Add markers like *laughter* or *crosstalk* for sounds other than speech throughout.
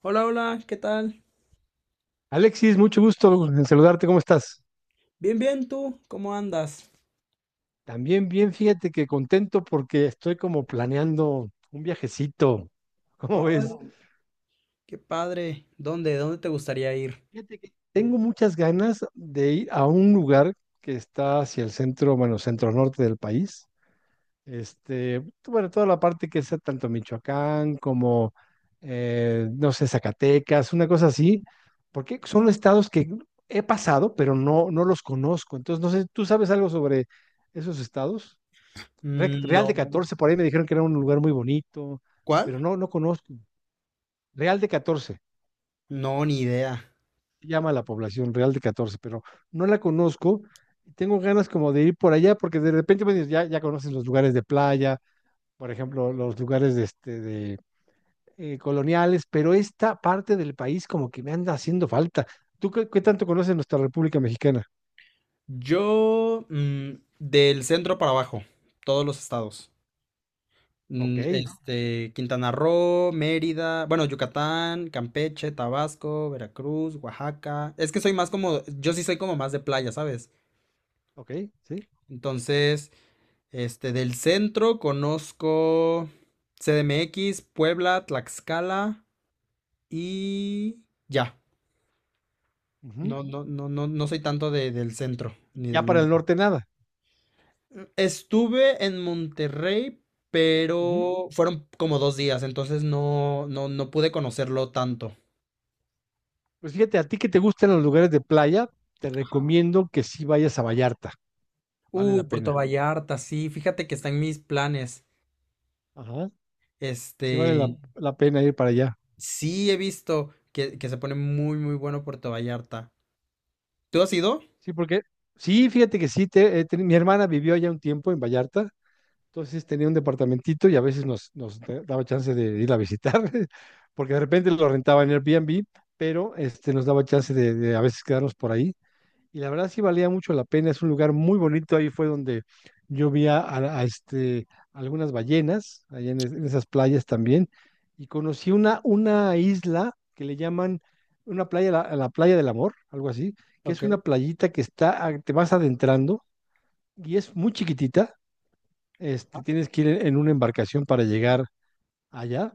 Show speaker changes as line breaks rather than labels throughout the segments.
Hola, hola, ¿qué tal?
Alexis, mucho gusto en saludarte, ¿cómo estás?
Bien, bien, ¿tú? ¿Cómo andas?
También bien, fíjate que contento porque estoy como planeando un viajecito. *laughs* ¿Cómo ves?
Hola. Qué padre. ¿Dónde? ¿Dónde te gustaría ir?
Fíjate que tengo muchas ganas de ir a un lugar que está hacia el centro, bueno, centro norte del país. Este, bueno, toda la parte que es tanto Michoacán como, no sé, Zacatecas, una cosa así, porque son estados que he pasado, pero no los conozco. Entonces, no sé, ¿tú sabes algo sobre esos estados? Real de
No.
Catorce por ahí me dijeron que era un lugar muy bonito,
¿Cuál?
pero no conozco. Real de Catorce
No, ni idea.
se llama la población Real de Catorce, pero no la conozco. Tengo ganas como de ir por allá porque de repente me dices, ya, ya conoces los lugares de playa, por ejemplo, los lugares de, este, de coloniales, pero esta parte del país como que me anda haciendo falta. ¿Tú qué, tanto conoces nuestra República Mexicana?
Yo, del centro para abajo, todos los estados.
Ok,
Quintana Roo, Mérida, bueno, Yucatán, Campeche, Tabasco, Veracruz, Oaxaca. Es que soy más como, yo sí soy como más de playa, ¿sabes?
ok, sí.
Entonces, del centro conozco CDMX, Puebla, Tlaxcala y ya.
Ujú.
No, no, no, no, no soy tanto del centro ni
Ya
del
para el
norte.
norte nada.
Estuve en Monterrey, pero fueron como dos días, entonces no, no, no pude conocerlo tanto.
Pues fíjate, a ti que te gustan los lugares de playa, te
Ajá.
recomiendo que sí vayas a Vallarta. Vale
Uy,
la
Puerto
pena.
Vallarta, sí, fíjate que está en mis planes.
Ajá. Sí vale la,
Este,
la pena ir para allá.
sí he visto que se pone muy, muy bueno Puerto Vallarta. ¿Tú has ido?
Sí, porque sí, fíjate que sí, mi hermana vivió allá un tiempo en Vallarta, entonces tenía un departamentito y a veces nos daba chance de ir a visitar, *laughs* porque de repente lo rentaba en Airbnb, pero este, nos daba chance de, a veces quedarnos por ahí. Y la verdad sí valía mucho la pena, es un lugar muy bonito. Ahí fue donde yo vi a este, algunas ballenas, allá en esas playas también, y conocí una isla que le llaman una playa, la playa del amor, algo así, que
Ok.
es una playita que está, te vas adentrando y es muy chiquitita. Este, tienes que ir en una embarcación para llegar allá,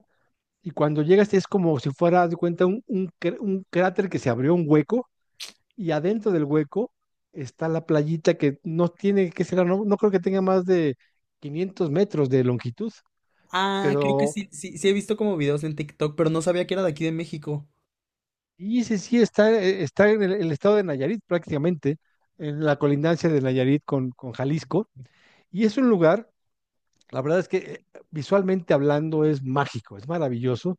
y cuando llegas es como si fuera, haz de cuenta, un cráter que se abrió un hueco, y adentro del hueco está la playita que no tiene que ser, no creo que tenga más de 500 metros de longitud,
Ah, creo que
pero
sí, sí, sí he visto como videos en TikTok, pero no sabía que era de aquí de México.
y sí, sí está, está en el estado de Nayarit prácticamente, en la colindancia de Nayarit con Jalisco, y es un lugar, la verdad es que visualmente hablando es mágico, es maravilloso,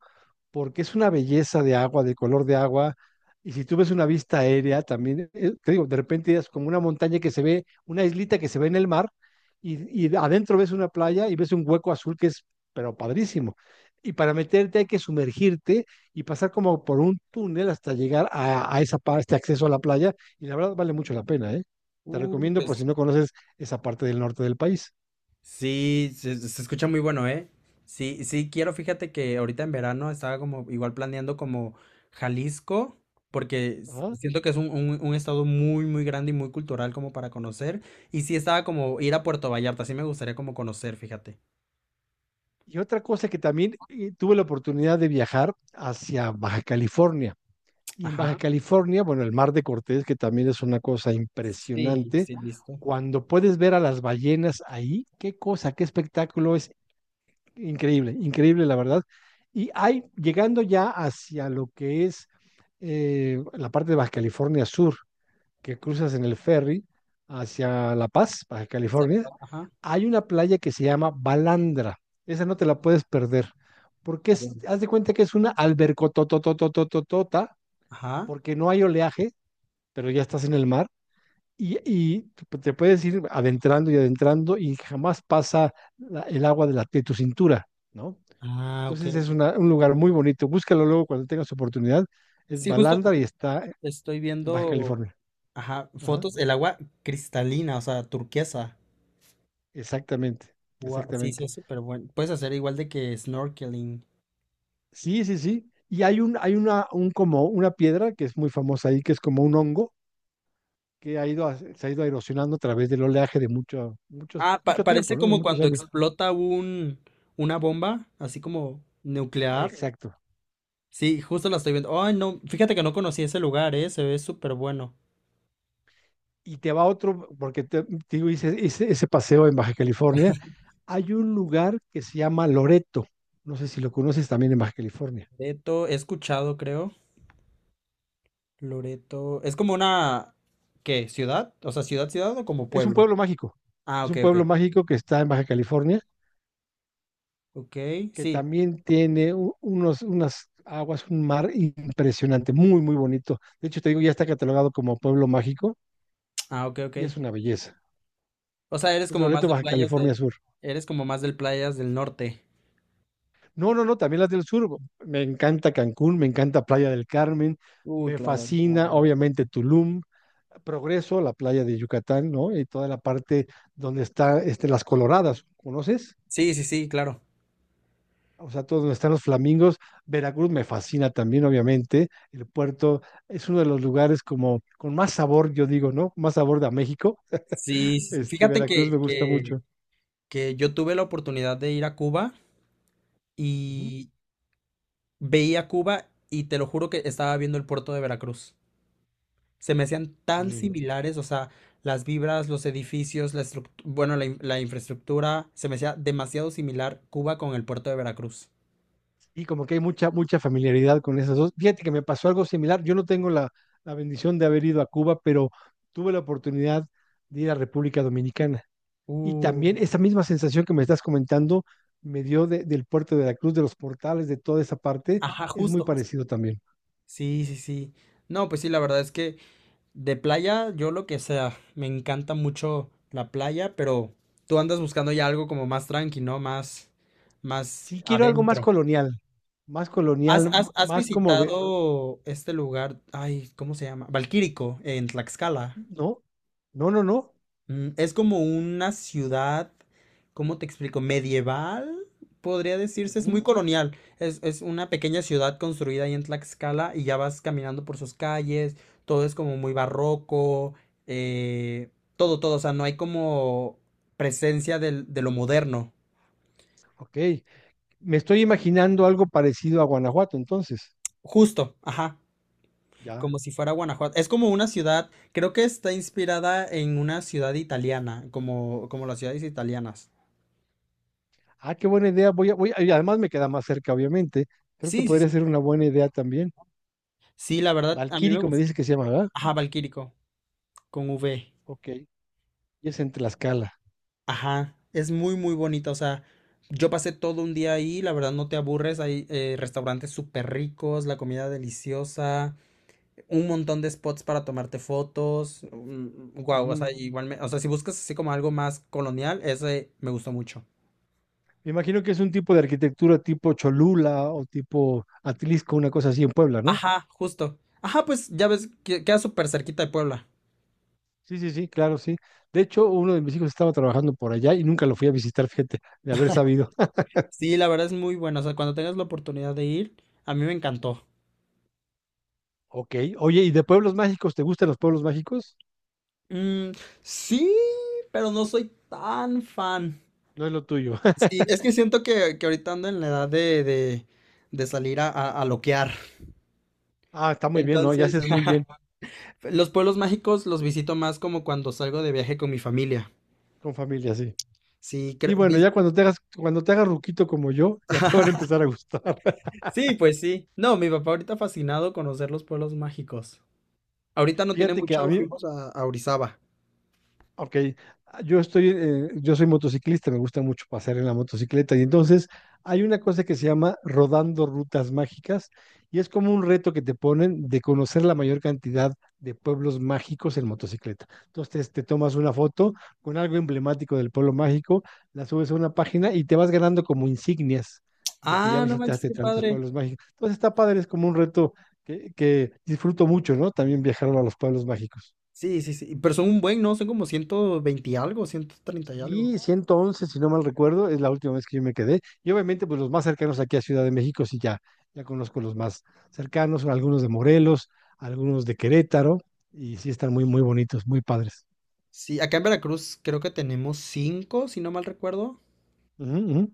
porque es una belleza de agua, de color de agua. Y si tú ves una vista aérea, también, te digo, de repente es como una montaña que se ve, una islita que se ve en el mar, y adentro ves una playa y ves un hueco azul que es, pero padrísimo. Y para meterte hay que sumergirte y pasar como por un túnel hasta llegar a esa parte, este acceso a la playa, y la verdad vale mucho la pena, ¿eh? Te
Uy,
recomiendo por si
pues
no conoces esa parte del norte del país.
sí, se escucha muy bueno, ¿eh? Sí, sí, quiero, fíjate que ahorita en verano estaba como igual planeando como Jalisco, porque
Ajá.
siento que es un, un estado muy, muy grande y muy cultural como para conocer. Y sí estaba como ir a Puerto Vallarta, sí me gustaría como conocer, fíjate.
Y otra cosa que también, tuve la oportunidad de viajar hacia Baja California. Y en Baja
Ajá.
California, bueno, el Mar de Cortés, que también es una cosa
Sí,
impresionante,
sí, listo.
cuando puedes ver a las ballenas ahí, qué cosa, qué espectáculo, es increíble, increíble la verdad. Y hay, llegando ya hacia lo que es, la parte de Baja California Sur, que cruzas en el ferry hacia La Paz, Baja
Hacia
California,
ajá.
hay una playa que se llama Balandra. Esa no te la puedes perder, porque
A ver.
es, haz de cuenta que es una albercotototototota,
Ajá.
porque no hay oleaje, pero ya estás en el mar, y te puedes ir adentrando y adentrando y jamás pasa el agua de tu cintura, ¿no?
Ah, ok,
Entonces es
ok.
un lugar muy bonito. Búscalo luego cuando tengas oportunidad. Es
Sí, justo.
Balandra y está en
Estoy
Baja
viendo,
California.
ajá,
Ajá,
fotos, el agua cristalina, o sea, turquesa.
exactamente,
Sí, sí,
exactamente.
es súper bueno. Puedes hacer igual de que snorkeling.
Sí, sí, sí. Y hay un, hay una, un como una piedra que es muy famosa ahí, que es como un hongo que se ha ido erosionando a través del oleaje de mucho, muchos,
Ah,
mucho
parece
tiempo, ¿no? De
como
muchos
cuando
años.
explota un, una bomba, así como nuclear.
Exacto.
Sí, justo la estoy viendo. Ay, no, fíjate que no conocí ese lugar, se ve súper bueno.
Y te va otro, porque te digo, hice ese paseo en Baja California. Hay un lugar que se llama Loreto, no sé si lo conoces también en Baja California.
Loreto, he escuchado, creo. Loreto, es como una, ¿qué? ¿Ciudad? O sea, ciudad, ciudad o como
Es un
pueblo.
pueblo mágico,
Ah,
es
ok,
un
ok.
pueblo mágico que está en Baja California,
Ok,
que
sí.
también tiene unas aguas, un mar impresionante, muy, muy bonito. De hecho, te digo, ya está catalogado como pueblo mágico
Ah, ok, ok.
y es una belleza.
O sea, eres
Es
como más
Loreto,
de
Baja
playas
California
del,
Sur.
eres como más del playas del norte.
No, no, no, también las del sur. Me encanta Cancún, me encanta Playa del Carmen,
Uy,
me
playas del
fascina,
Carmen.
obviamente, Tulum, Progreso, la playa de Yucatán, ¿no? Y toda la parte donde está este, las Coloradas, ¿conoces?
Sí, sí, sí, claro.
O sea, todo donde están los flamingos. Veracruz me fascina también, obviamente. El puerto es uno de los lugares como con más sabor, yo digo, ¿no? Más sabor de a México.
Sí, sí, sí.
Este,
Fíjate
Veracruz me gusta mucho.
que yo tuve la oportunidad de ir a Cuba
Ujú.
y veía Cuba y te lo juro que estaba viendo el puerto de Veracruz. Se me hacían tan
Sí,
similares, o sea, las vibras, los edificios, bueno, la, la infraestructura, se me hacía demasiado similar Cuba con el puerto de Veracruz.
y como que hay mucha, mucha familiaridad con esas dos. Fíjate que me pasó algo similar. Yo no tengo la bendición de haber ido a Cuba, pero tuve la oportunidad de ir a República Dominicana. Y
Uh,
también esa misma sensación que me estás comentando me dio del puerto de la Cruz, de los portales, de toda esa parte,
ajá,
es muy
justo, justo.
parecido también.
Sí, sí, sí. No, pues sí, la verdad es que de playa, yo lo que sea. Me encanta mucho la playa, pero tú andas buscando ya algo como más tranqui, ¿no? Más, más
Sí quiero algo más
adentro.
colonial, más
¿Has,
colonial,
has, has
más como de,
visitado este lugar? Ay, ¿cómo se llama? Valquírico, en Tlaxcala.
no, no, no, no.
Es como una ciudad, ¿cómo te explico? Medieval, podría decirse, es muy
Ujú,
colonial. Es una pequeña ciudad construida ahí en Tlaxcala y ya vas caminando por sus calles, todo es como muy barroco, eh, todo, todo, o sea, no hay como presencia de lo moderno.
ok, me estoy imaginando algo parecido a Guanajuato, entonces,
Justo, ajá,
ya.
como si fuera Guanajuato. Es como una ciudad, creo que está inspirada en una ciudad italiana, como, como las ciudades italianas.
Ah, qué buena idea, y además me queda más cerca, obviamente. Creo que
Sí, sí,
podría
sí.
ser una buena idea también.
Sí, la verdad, a mí me
Valquírico me
gustó.
dice que se llama, ¿verdad?
Ajá, Valquírico, con V.
Ok, y es en Tlaxcala.
Ajá, es muy, muy bonita. O sea, yo pasé todo un día ahí, la verdad no te aburres. Hay restaurantes súper ricos, la comida deliciosa, un montón de spots para tomarte fotos. Wow, o sea,
Ujú.
igual o sea, si buscas así como algo más colonial, ese me gustó mucho.
Me imagino que es un tipo de arquitectura tipo Cholula o tipo Atlisco, una cosa así en Puebla, ¿no?
Ajá, justo. Ajá, pues ya ves, que queda súper cerquita de Puebla.
Sí, sí, sí, claro, sí. De hecho, uno de mis hijos estaba trabajando por allá y nunca lo fui a visitar, fíjate, de haber sabido. *laughs*
Sí, la verdad es muy bueno. O sea, cuando tengas la oportunidad de ir, a mí me encantó.
Ok, oye, ¿y de pueblos mágicos? ¿Te gustan los pueblos mágicos?
Mm, sí, pero no soy tan fan.
No es lo tuyo. *laughs*
Sí, es que siento que ahorita ando en la edad de salir a loquear.
Ah, está muy bien, ¿no? Ya
Entonces,
haces muy bien
*laughs* los pueblos mágicos los visito más como cuando salgo de viaje con mi familia.
con familia, sí.
Sí,
Sí,
creo.
bueno, ya cuando te hagas ruquito como yo, ya te van a empezar
*laughs*
a gustar. *laughs*
Sí, pues sí. No, mi papá ahorita fascinado conocer los pueblos mágicos. Ahorita no tiene
Fíjate que a
mucho,
mí,
fuimos a Orizaba.
ok, ah, yo soy motociclista, me gusta mucho pasear en la motocicleta y entonces hay una cosa que se llama rodando rutas mágicas y es como un reto que te ponen de conocer la mayor cantidad de pueblos mágicos en motocicleta. Entonces tomas una foto con algo emblemático del pueblo mágico, la subes a una página y te vas ganando como insignias de que ya
Ah, no manches,
visitaste
qué
tantos
padre.
pueblos mágicos. Entonces está padre, es como un reto que disfruto mucho, ¿no? También viajar a los pueblos mágicos.
Sí, sí, sí. Pero son un buen, ¿no? Son como 120 y algo, 130 y algo.
Y 111 si no mal recuerdo, es la última vez que yo me quedé. Y obviamente, pues los más cercanos aquí a Ciudad de México, sí, ya, ya conozco los más cercanos, algunos de Morelos, algunos de Querétaro, y sí están muy, muy bonitos, muy padres.
Sí, acá en Veracruz creo que tenemos cinco, si no mal recuerdo.
Ujú, ujú.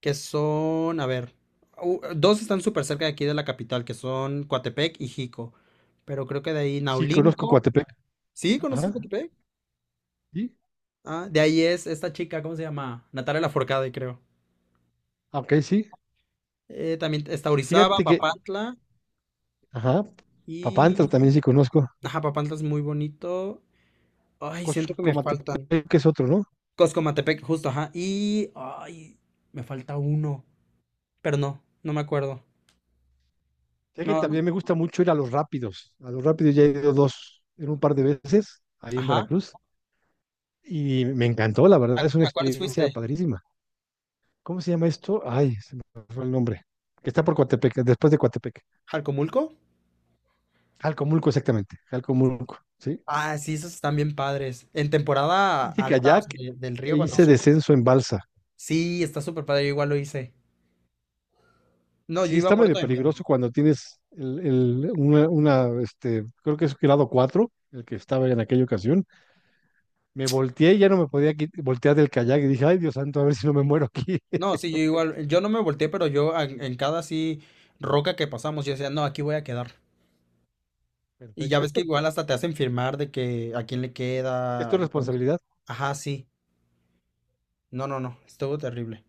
Que son, a ver, dos están súper cerca de aquí de la capital, que son Coatepec y Jico. Pero creo que de ahí
Sí, conozco
Naulinco.
Coatepec.
¿Sí? ¿Conoces
Ajá,
Coatepec?
sí.
Ah, de ahí es esta chica, ¿cómo se llama? Natalia Lafourcade, creo.
Ah, ok, sí.
También está Orizaba,
Fíjate que,
Papantla
ajá, Papantla
y...
también sí conozco.
Ajá, Papantla es muy bonito. Ay, siento que me faltan.
Comatepec, que es otro, ¿no?
Coscomatepec, justo, ajá. Y... Ay, me falta uno. Pero no, no me acuerdo.
Sé que
No,
también me gusta mucho ir a los rápidos. A los rápidos ya he ido dos, en un par de veces, ahí en
ajá.
Veracruz. Y me encantó, la verdad, es una
A cuáles
experiencia
fuiste?
padrísima. ¿Cómo se llama esto? Ay, se me fue el nombre. Que está por Coatepec, después de Coatepec.
¿Jalcomulco?
Jalcomulco, exactamente. Jalcomulco, ¿sí?
Ah, sí, esos están bien padres. En temporada
Hice
alta, o
kayak
sea, del
e
río cuando
hice
sube.
descenso en balsa.
Sí, está súper padre, yo igual lo hice. No, yo
Sí,
iba
está
muerto
medio
de
peligroso
miedo.
cuando tienes una, este, creo que es grado 4 el que estaba en aquella ocasión. Me volteé y ya no me podía voltear del kayak y dije, ay, Dios santo, a ver si no me muero aquí.
No, sí, yo igual, yo no me volteé, pero yo en cada así roca que pasamos, yo decía, no, aquí voy a quedar.
*laughs*
Y ya ves que
Perfecto.
igual hasta te hacen firmar de que a quién le
¿Es tu
queda y todo eso.
responsabilidad?
Ajá, sí. No, no, no, estuvo terrible.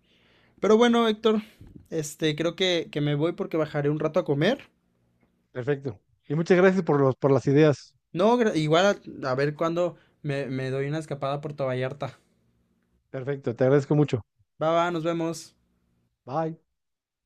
Pero bueno, Héctor, creo que me voy porque bajaré un rato a comer.
Perfecto. Y muchas gracias por los, por las ideas.
No, igual a ver cuándo me, me doy una escapada por Puerto Vallarta.
Perfecto, te agradezco mucho.
Va, va, nos vemos.
Bye.